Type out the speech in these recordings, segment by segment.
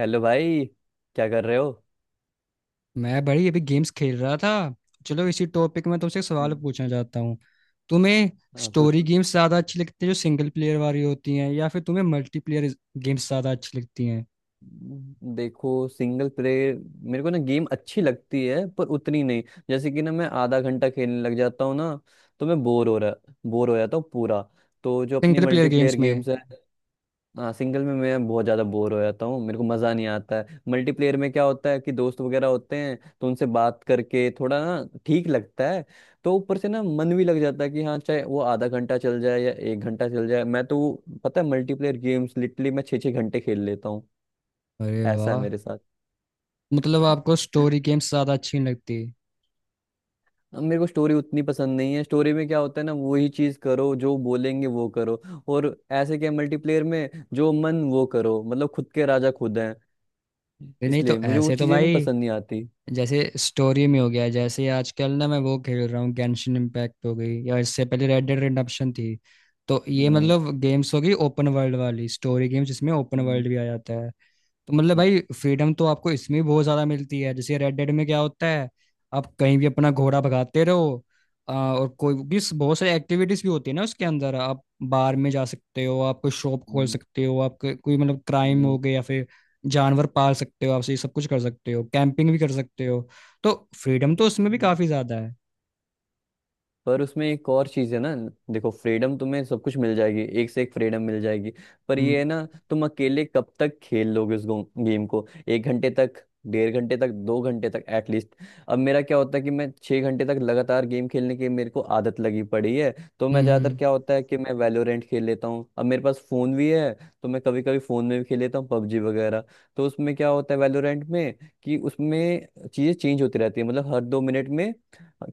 Hello भाई। क्या कर रहे हो? मैं बड़ी अभी गेम्स खेल रहा था। चलो इसी टॉपिक में तुमसे एक सवाल हम्म। पूछना चाहता हूँ। तुम्हें हाँ, स्टोरी पूछो। गेम्स ज़्यादा अच्छी लगती है जो सिंगल प्लेयर वाली होती हैं या फिर तुम्हें मल्टीप्लेयर गेम्स ज़्यादा अच्छी लगती हैं? देखो सिंगल प्लेयर मेरे को ना गेम अच्छी लगती है पर उतनी नहीं। जैसे कि ना मैं आधा घंटा खेलने लग जाता हूँ ना, तो मैं बोर हो जाता हूँ पूरा। तो जो अपनी सिंगल प्लेयर मल्टीप्लेयर गेम्स में गेम्स है, हाँ सिंगल में मैं बहुत ज़्यादा बोर हो जाता हूँ, मेरे को मज़ा नहीं आता है। मल्टीप्लेयर में क्या होता है कि दोस्त वगैरह होते हैं तो उनसे बात करके थोड़ा ना ठीक लगता है। तो ऊपर से ना मन भी लग जाता है कि हाँ चाहे वो आधा घंटा चल जाए या एक घंटा चल जाए, मैं तो पता है मल्टीप्लेयर गेम्स लिटरली मैं छः छः घंटे खेल लेता हूँ। अरे ऐसा है वाह, मेरे साथ। मतलब आपको स्टोरी गेम्स ज़्यादा अच्छी नहीं लगती? अब मेरे को स्टोरी उतनी पसंद नहीं है। स्टोरी में क्या होता है ना, वही चीज़ करो जो बोलेंगे वो करो। और ऐसे क्या, मल्टीप्लेयर में जो मन वो करो, मतलब खुद के राजा खुद हैं। अरे नहीं तो इसलिए मुझे वो ऐसे तो चीज़ें ना भाई, पसंद नहीं आती। जैसे स्टोरी में हो गया, जैसे आजकल ना मैं वो खेल रहा हूँ गेंशिन इम्पैक्ट हो गई, या इससे पहले रेड डेड रिडेम्पशन थी। तो ये हम्म। मतलब गेम्स हो गई ओपन वर्ल्ड वाली स्टोरी गेम्स जिसमें ओपन हम्म। वर्ल्ड भी आ जाता है। तो मतलब भाई फ्रीडम तो आपको इसमें भी बहुत ज्यादा मिलती है। जैसे रेड डेड में क्या होता है, आप कहीं भी अपना घोड़ा भगाते रहो। और कोई भी बहुत सारी एक्टिविटीज भी होती है ना उसके अंदर। आप बार में जा सकते हो, आप कोई शॉप खोल हम्म। सकते हो, आप कोई कोई मतलब क्राइम हम्म। हो गया या फिर जानवर पाल सकते हो, आप ये सब कुछ कर सकते हो, कैंपिंग भी कर सकते हो। तो फ्रीडम तो उसमें भी हम्म। काफी ज्यादा है। पर उसमें एक और चीज है ना। देखो फ्रीडम तुम्हें सब कुछ मिल जाएगी, एक से एक फ्रीडम मिल जाएगी। पर हम्म। ये है ना, तुम अकेले कब तक खेल लोगे उस गेम को? एक घंटे तक, डेढ़ घंटे तक, 2 घंटे तक एटलीस्ट। अब मेरा क्या होता है कि मैं 6 घंटे तक लगातार गेम खेलने की मेरे को आदत लगी पड़ी है। तो मैं हम्म। ज्यादातर हम्म। क्या होता है कि मैं वैलोरेंट खेल लेता हूँ। अब मेरे पास फोन भी है, तो मैं कभी कभी फोन में भी खेल लेता हूँ, पबजी वगैरह। तो उसमें क्या होता है वैलोरेंट में, कि उसमें चीजें चेंज होती रहती है मतलब हर 2 मिनट में।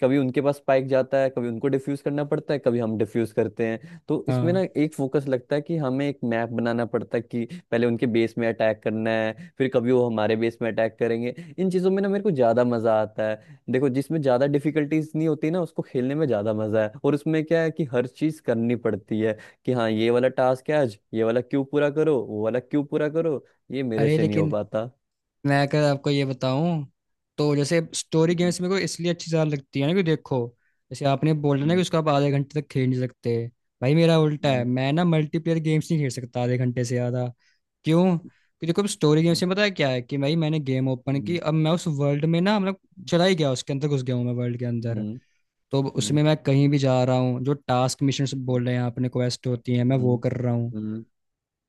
कभी उनके पास स्पाइक जाता है, कभी उनको डिफ्यूज करना पड़ता है, कभी हम डिफ्यूज करते हैं। तो इसमें ना हाँ। एक फोकस लगता है कि हमें एक मैप बनाना पड़ता है कि पहले उनके बेस में अटैक करना है, फिर कभी वो हमारे बेस में अटैक करेंगे। इन चीज़ों में ना मेरे को ज़्यादा मज़ा आता है। देखो जिसमें ज़्यादा डिफिकल्टीज नहीं होती ना, उसको खेलने में ज़्यादा मज़ा है। और उसमें क्या है कि हर चीज़ करनी पड़ती है, कि हाँ ये वाला टास्क है आज, ये वाला क्यों पूरा करो वो वाला क्यों पूरा करो, ये मेरे अरे से नहीं हो लेकिन पाता। मैं अगर आपको ये बताऊं, तो जैसे स्टोरी गेम्स मेरे को इसलिए अच्छी ज्यादा लगती है ना कि देखो जैसे आपने बोला ना कि हम्म। उसको आप आधे घंटे तक खेल नहीं सकते। भाई मेरा उल्टा है, हम्म। मैं ना मल्टीप्लेयर गेम्स नहीं खेल सकता आधे घंटे से ज़्यादा। क्यों? क्योंकि देखो, स्टोरी हम्म। गेम्स में पता है क्या है कि भाई मैंने गेम ओपन की, हम्म। अब मैं उस वर्ल्ड में ना मतलब चला ही गया, उसके अंदर घुस गया हूँ मैं, वर्ल्ड के हम्म। अंदर। हम्म। तो हम्म। उसमें मैं कहीं भी जा रहा हूँ, जो टास्क मिशन हम्म। बोल रहे हैं आपने, क्वेस्ट होती है, मैं हम्म। वो कर रहा हूँ। हम्म।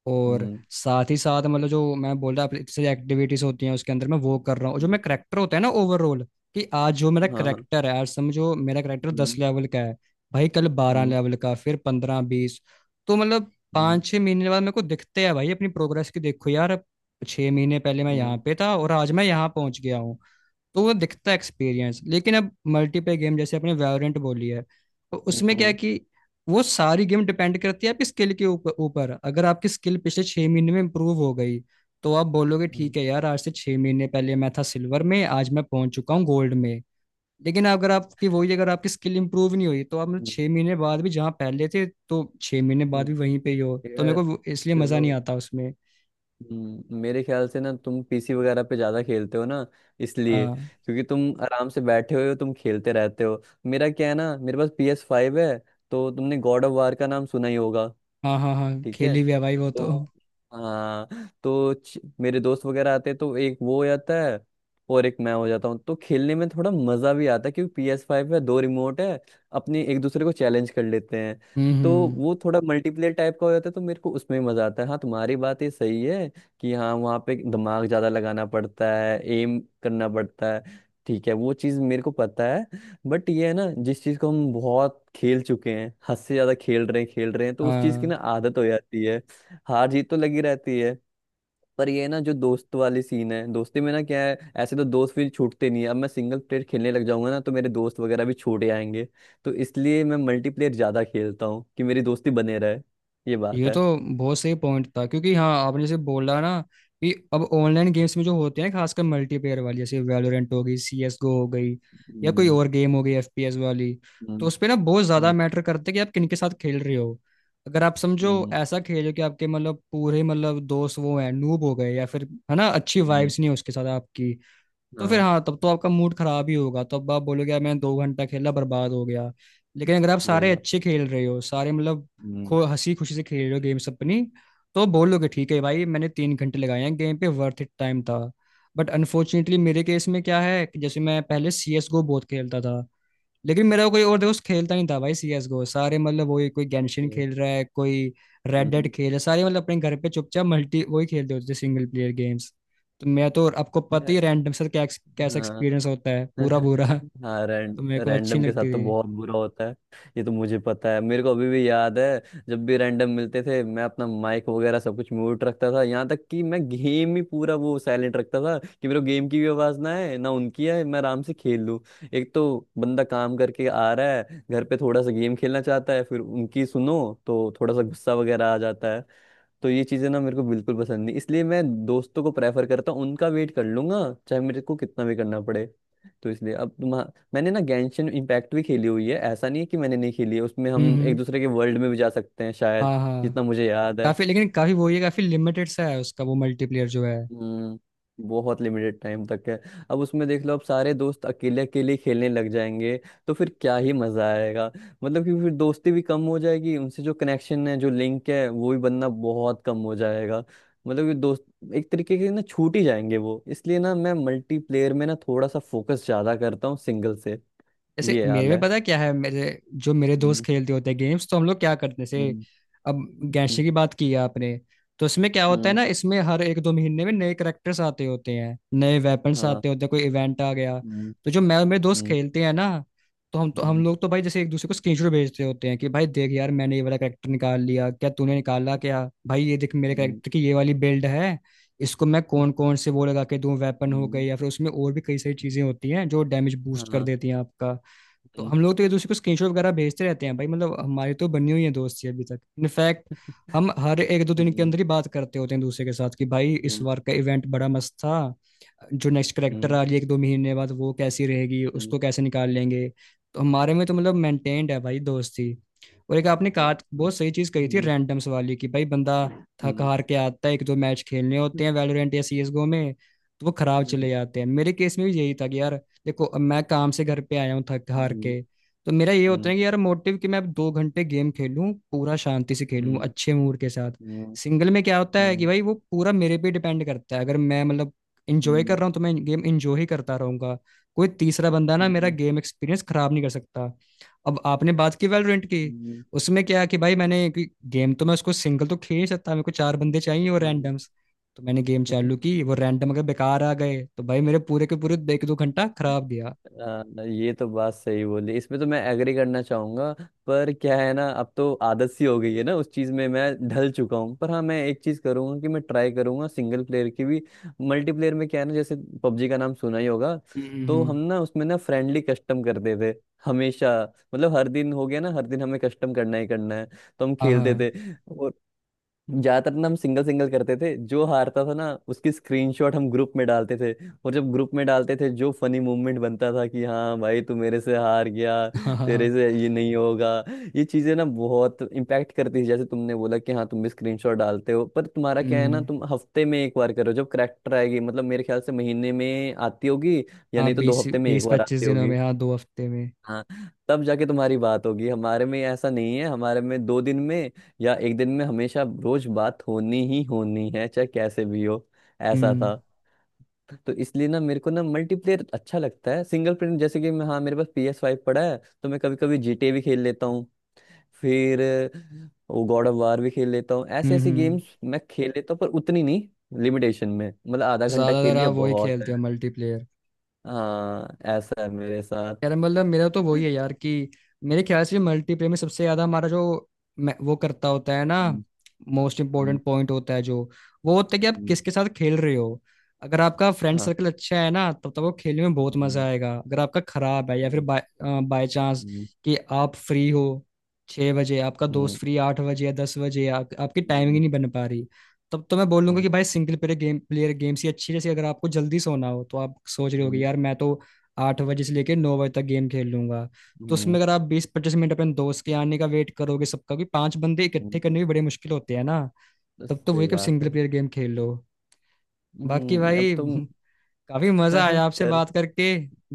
और हम्म। साथ ही साथ मतलब जो मैं बोल रहा हूँ से एक्टिविटीज होती हैं उसके अंदर, मैं वो कर रहा हूँ। और जो हम्म। मेरा करेक्टर होता है ना ओवरऑल, कि आज जो मेरा हाँ हाँ। करेक्टर है, आज समझो मेरा करेक्टर दस हम्म। लेवल का है, भाई कल बारह हम्म। लेवल का, फिर 15 20। तो मतलब हम्म। 5-6 महीने बाद मेरे को दिखते हैं भाई अपनी प्रोग्रेस की, देखो यार 6 महीने पहले मैं यहाँ हम्म। पे था और आज मैं यहाँ पहुँच गया हूँ। तो वो दिखता है एक्सपीरियंस। लेकिन अब मल्टीप्लेयर गेम जैसे अपने वेरिएंट बोली है, तो उसमें क्या है हम्म। कि वो सारी गेम डिपेंड करती है आपकी स्किल के ऊपर ऊपर। अगर आपकी स्किल पिछले 6 महीने में इंप्रूव हो गई, तो आप बोलोगे हम्म। ठीक है यार, आज से 6 महीने पहले मैं था सिल्वर में, आज मैं पहुंच चुका हूँ गोल्ड में। लेकिन अगर आपकी स्किल इंप्रूव नहीं हुई तो आप मतलब हम्म। 6 महीने बाद भी जहाँ पहले थे, तो 6 महीने बाद भी हम्म। वहीं पे ही हो। तो मेरे यार, को इसलिए मजा चलो। नहीं आता उसमें। मेरे ख्याल से ना तुम पीसी वगैरह पे ज्यादा खेलते हो ना, इसलिए, हाँ क्योंकि तुम आराम से बैठे हुए हो तुम खेलते रहते हो। मेरा क्या है ना, मेरे पास PS5 है। तो तुमने गॉड ऑफ वार का नाम सुना ही होगा। हाँ। हाँ हाँ ठीक है। खेली हुई है भाई वो तो तो। हाँ तो मेरे दोस्त वगैरह आते हैं तो एक वो हो जाता है और एक मैं हो जाता हूँ, तो खेलने में थोड़ा मजा भी आता है, क्योंकि PS5 है, दो रिमोट है, अपने एक दूसरे को चैलेंज कर लेते हैं। तो हम्म। वो थोड़ा मल्टीप्लेयर टाइप का हो जाता है, तो मेरे को उसमें भी मजा आता है। हाँ तुम्हारी बात ये सही है कि हाँ वहाँ पे दिमाग ज्यादा लगाना पड़ता है, एम करना पड़ता है। ठीक है, वो चीज मेरे को पता है। बट ये है ना, जिस चीज को हम बहुत खेल चुके हैं, हद से ज्यादा खेल रहे हैं खेल रहे हैं, तो उस चीज की ना हाँ, आदत हो जाती है। हार जीत तो लगी रहती है। पर ये ना, जो दोस्त वाली सीन है, दोस्ती में ना क्या है, ऐसे तो दोस्त फिर छूटते नहीं है। अब मैं सिंगल प्लेयर खेलने लग जाऊंगा ना, तो मेरे दोस्त वगैरह भी छूटे आएंगे। तो इसलिए मैं मल्टीप्लेयर ज्यादा खेलता हूँ कि मेरी दोस्ती बने रहे। ये बात ये है। तो बहुत सही पॉइंट था, क्योंकि हाँ आपने जैसे बोला ना कि अब ऑनलाइन गेम्स में जो होते हैं, खासकर मल्टीप्लेयर वाली, जैसे वैलोरेंट हो गई, CS GO हो गई, या कोई हम्म। और गेम हो गई FPS वाली। तो हम्म। उस पे ना बहुत ज़्यादा हम्म। मैटर करते हैं कि आप किन के साथ खेल रहे हो। अगर आप समझो हम्म। ऐसा खेलो कि आपके मतलब पूरे मतलब दोस्त वो हैं नूब हो गए, या फिर है ना अच्छी हम्म। वाइब्स नहीं है उसके साथ आपकी, तो फिर हाँ हाँ तब तो आपका मूड खराब ही होगा। तो अब आप बोलोगे यार मैंने 2 घंटा खेला, बर्बाद हो गया। लेकिन अगर आप सही सारे बात। अच्छे खेल रहे हो, सारे मतलब हम्म। खो हंसी खुशी से खेल रहे हो गेम्स अपनी, तो बोलोगे ठीक है भाई मैंने 3 घंटे लगाए हैं गेम पे, वर्थ इट टाइम था। बट अनफॉर्चुनेटली मेरे केस में क्या है कि जैसे मैं पहले CS GO बहुत खेलता था, लेकिन मेरा कोई और दोस्त खेलता नहीं था भाई सीएस गो, सारे मतलब वही कोई गेंशिन हम्म। खेल रहा है, कोई रेड डेड हम्म। खेल रहा है, सारे मतलब अपने घर पे चुपचाप मल्टी वही खेलते होते थे सिंगल प्लेयर गेम्स। तो मैं तो आपको पता ही रैंडम से क्या कैसा हम्म। एक्सपीरियंस होता है, पूरा बुरा। हाँ तो मेरे को अच्छी रैंडम नहीं के साथ लगती तो थी। बहुत बुरा होता है। ये तो मुझे पता है। मेरे को अभी भी याद है, जब भी रैंडम मिलते थे मैं अपना माइक वगैरह सब कुछ म्यूट रखता था, यहाँ तक कि मैं गेम ही पूरा वो साइलेंट रखता था कि मेरे को गेम की भी आवाज़ ना आए, ना उनकी आए, मैं आराम से खेल लूँ। एक तो बंदा काम करके आ रहा है घर पे, थोड़ा सा गेम खेलना चाहता है, फिर उनकी सुनो। तो थोड़ा सा गुस्सा वगैरह आ जाता। तो ये चीज़ें ना मेरे को बिल्कुल पसंद नहीं, इसलिए मैं दोस्तों को प्रेफर करता हूँ, उनका वेट कर लूंगा चाहे मेरे को कितना भी करना पड़े। तो इसलिए अब तुम, मैंने ना गैंशन इम्पैक्ट भी खेली हुई है, ऐसा नहीं है कि मैंने नहीं खेली है। उसमें हम एक हम्म। दूसरे के वर्ल्ड में भी जा सकते हैं शायद, हाँ हाँ। जितना मुझे याद है। काफी लेकिन काफी वो ये काफी लिमिटेड सा है उसका वो मल्टीप्लेयर जो है। हम्म। बहुत लिमिटेड टाइम तक है। अब उसमें देख लो, अब सारे दोस्त अकेले अकेले खेलने लग जाएंगे, तो फिर क्या ही मजा आएगा। मतलब कि फिर दोस्ती भी कम हो जाएगी, उनसे जो कनेक्शन है जो लिंक है वो भी बनना बहुत कम हो जाएगा। मतलब कि दोस्त एक तरीके के ना छूट ही जाएंगे वो, इसलिए ना मैं मल्टीप्लेयर में ना थोड़ा सा फोकस ज्यादा करता हूँ सिंगल से। जैसे ये मेरे हाल में है। पता है क्या है, मेरे जो मेरे दोस्त हम्म। खेलते होते हैं गेम्स, तो हम लोग क्या करते हैं, जैसे हम्म। अब गैंशे हम्म। की बात की है आपने, तो इसमें क्या होता है हम्म। ना, इसमें हर 1-2 महीने में नए करेक्टर्स आते होते हैं, नए वेपन्स हाँ। आते होते हैं, कोई इवेंट आ गया। हम्म। तो जो मैं और मेरे दोस्त हम्म। खेलते हैं ना, हम हम्म। लोग तो भाई जैसे एक दूसरे को स्क्रीनशॉट भेजते होते हैं कि भाई देख यार मैंने ये वाला करेक्टर निकाल लिया, क्या तूने निकाला, क्या भाई ये देख मेरे हम्म। करेक्टर की ये वाली बिल्ड है, इसको मैं कौन कौन से वो लगा के दूं वेपन हो गई, हम्म। या फिर उसमें और भी कई सारी चीजें होती हैं जो डैमेज बूस्ट कर हाँ। देती हैं आपका। तो हम लोग तो एक दूसरे को स्क्रीनशॉट वगैरह भेजते रहते हैं भाई। मतलब हमारी तो बनी हुई है दोस्ती अभी तक। इनफैक्ट हम हर 1-2 दिन के हम्म। अंदर ही बात करते होते हैं दूसरे के साथ, कि भाई इस हम्म। बार का इवेंट बड़ा मस्त था, जो नेक्स्ट करेक्टर हम्म। आ रही है 1-2 महीने बाद वो कैसी रहेगी, हम्म। उसको कैसे निकाल लेंगे। तो हमारे में तो मतलब मेंटेन्ड है भाई दोस्ती। और एक आपने कहा बहुत सही चीज कही थी हम्म। रैंडम्स वाली, कि भाई बंदा थक हम्म। हार के आता है, 1-2 मैच खेलने होते हम्म। हैं वैलोरेंट या CSGO में, तो वो खराब चले जाते हैं। मेरे केस में भी यही था कि यार देखो अब मैं काम से घर पे आया हूँ थक हार हम्म। के, तो मेरा ये होता हम्म। है कि यार मोटिव कि मैं अब 2 घंटे गेम खेलूं पूरा, शांति से खेलूं हम्म। अच्छे मूड के साथ। हम्म। सिंगल में क्या होता है कि हम्म। भाई वो पूरा मेरे पे डिपेंड करता है, अगर मैं मतलब इंजॉय कर हम्म। रहा हूँ तो मैं गेम इंजॉय ही करता रहूंगा, कोई तीसरा बंदा ना मेरा गेम एक्सपीरियंस खराब नहीं कर सकता। अब आपने बात की वैलोरेंट की, हम्म। उसमें क्या है कि भाई मैंने गेम, तो मैं उसको सिंगल तो खेल ही सकता, मेरे को 4 बंदे चाहिए और हम्म। रैंडम। तो मैंने गेम हम्म, चालू की, वो रैंडम अगर बेकार आ गए तो भाई मेरे पूरे के पूरे 1-2 घंटा खराब गया। ये तो बात सही बोली, इसमें तो मैं एग्री करना चाहूंगा। पर क्या है ना, अब तो आदत सी हो गई है ना, उस चीज में मैं ढल चुका हूँ। पर हाँ मैं एक चीज करूंगा कि मैं ट्राई करूंगा सिंगल प्लेयर की भी। मल्टीप्लेयर में क्या है ना, जैसे पबजी का नाम सुना ही होगा। तो हम्म। हम ना उसमें ना फ्रेंडली कस्टम करते थे हमेशा। मतलब हर दिन हो गया ना, हर दिन हमें कस्टम करना ही करना है। तो हम हाँ खेलते हाँ थे। ज्यादातर ना हम सिंगल सिंगल करते थे, जो हारता था ना उसकी स्क्रीनशॉट हम ग्रुप में डालते थे। और जब ग्रुप में डालते थे, जो फनी मूवमेंट बनता था कि हाँ भाई तू मेरे से हार गया, हाँ। हाँ तेरे हाँ। से ये नहीं होगा। ये चीजें ना बहुत इम्पैक्ट करती है। जैसे तुमने बोला कि हाँ तुम भी स्क्रीनशॉट डालते हो, पर तुम्हारा क्या है ना, हम्म। तुम हफ्ते में एक बार करो जब करेक्टर आएगी, मतलब मेरे ख्याल से महीने में आती होगी, या हाँ नहीं तो दो बीस हफ्ते में एक बीस बार पच्चीस आती दिनों होगी। में, हाँ 2 हफ्ते में। हाँ तब जाके तुम्हारी बात होगी। हमारे में ऐसा नहीं है, हमारे में दो दिन में या एक दिन में हमेशा रोज बात होनी ही होनी है, चाहे कैसे भी हो। ऐसा हम्म था। तो इसलिए ना मेरे को ना मल्टीप्लेयर अच्छा लगता है। सिंगल प्लेयर जैसे कि मैं, हाँ मेरे पास PS5 पड़ा है, तो मैं कभी कभी GTA भी खेल लेता हूँ, फिर वो गॉड ऑफ वार भी खेल लेता हूँ। ऐसी ऐसी हम्म। गेम्स मैं खेल लेता हूँ पर उतनी नहीं। लिमिटेशन में, मतलब आधा घंटा खेल ज्यादातर लिया आप वही बहुत है। खेलते हो मल्टीप्लेयर? हाँ ऐसा है मेरे साथ। यार मतलब मेरा तो वही है यार कि मेरे ख्याल से मल्टीप्लेयर में सबसे ज्यादा हमारा जो वो करता होता है ना, हम्म। Most hmm. इम्पोर्टेंट पॉइंट होता है जो, वो होता है कि आप हम्म। किसके साथ खेल रहे हो। अगर आपका फ्रेंड हाँ। सर्कल अच्छा है ना तब तक वो खेलने में बहुत मजा हम्म। आएगा। अगर आपका खराब है या फिर हम्म। बाय बाय चांस हम्म। कि आप फ्री हो 6 बजे, आपका दोस्त फ्री 8 बजे या 10 बजे, आप, आपकी टाइमिंग ही हम्म। नहीं बन पा रही, तब तो मैं बोलूंगा हम्म। कि भाई single player game player games ही अच्छी है। जैसे अगर आपको जल्दी सोना हो तो आप सोच रहे होगे हम्म। यार मैं तो 8 बजे से लेके 9 बजे तक गेम खेल लूंगा, हम्म। तो हम्म। उसमें अगर आप 20-25 मिनट अपने दोस्त के आने का वेट करोगे, सबका भी 5 बंदे इकट्ठे हम्म। करने भी बड़े मुश्किल होते हैं ना, बस तब तो सही वही कब बात है। सिंगल प्लेयर गेम खेल लो। बाकी हम्म, अब भाई तुम काफी मजा आया आपसे कर। बात करके,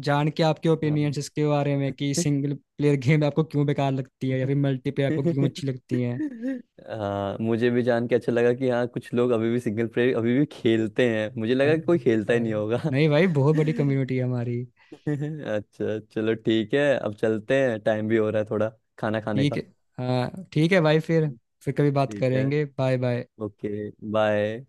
जान के आपके ओपिनियंस हाँ। इसके बारे में कि सिंगल प्लेयर गेम आपको क्यों बेकार लगती है या फिर मल्टीप्लेयर आपको क्यों अच्छी लगती है। हाँ मुझे भी जान के अच्छा लगा कि हाँ कुछ लोग अभी भी सिंगल प्लेयर अभी भी खेलते हैं, मुझे लगा कि कोई बहुत खेलता ही नहीं सारे, होगा। नहीं भाई बहुत बड़ी कम्युनिटी है हमारी। अच्छा चलो ठीक है, अब चलते हैं, टाइम भी हो रहा है थोड़ा, खाना खाने ठीक का। है। हाँ ठीक है भाई, फिर कभी बात ठीक है। करेंगे। Bye bye. Okay bye.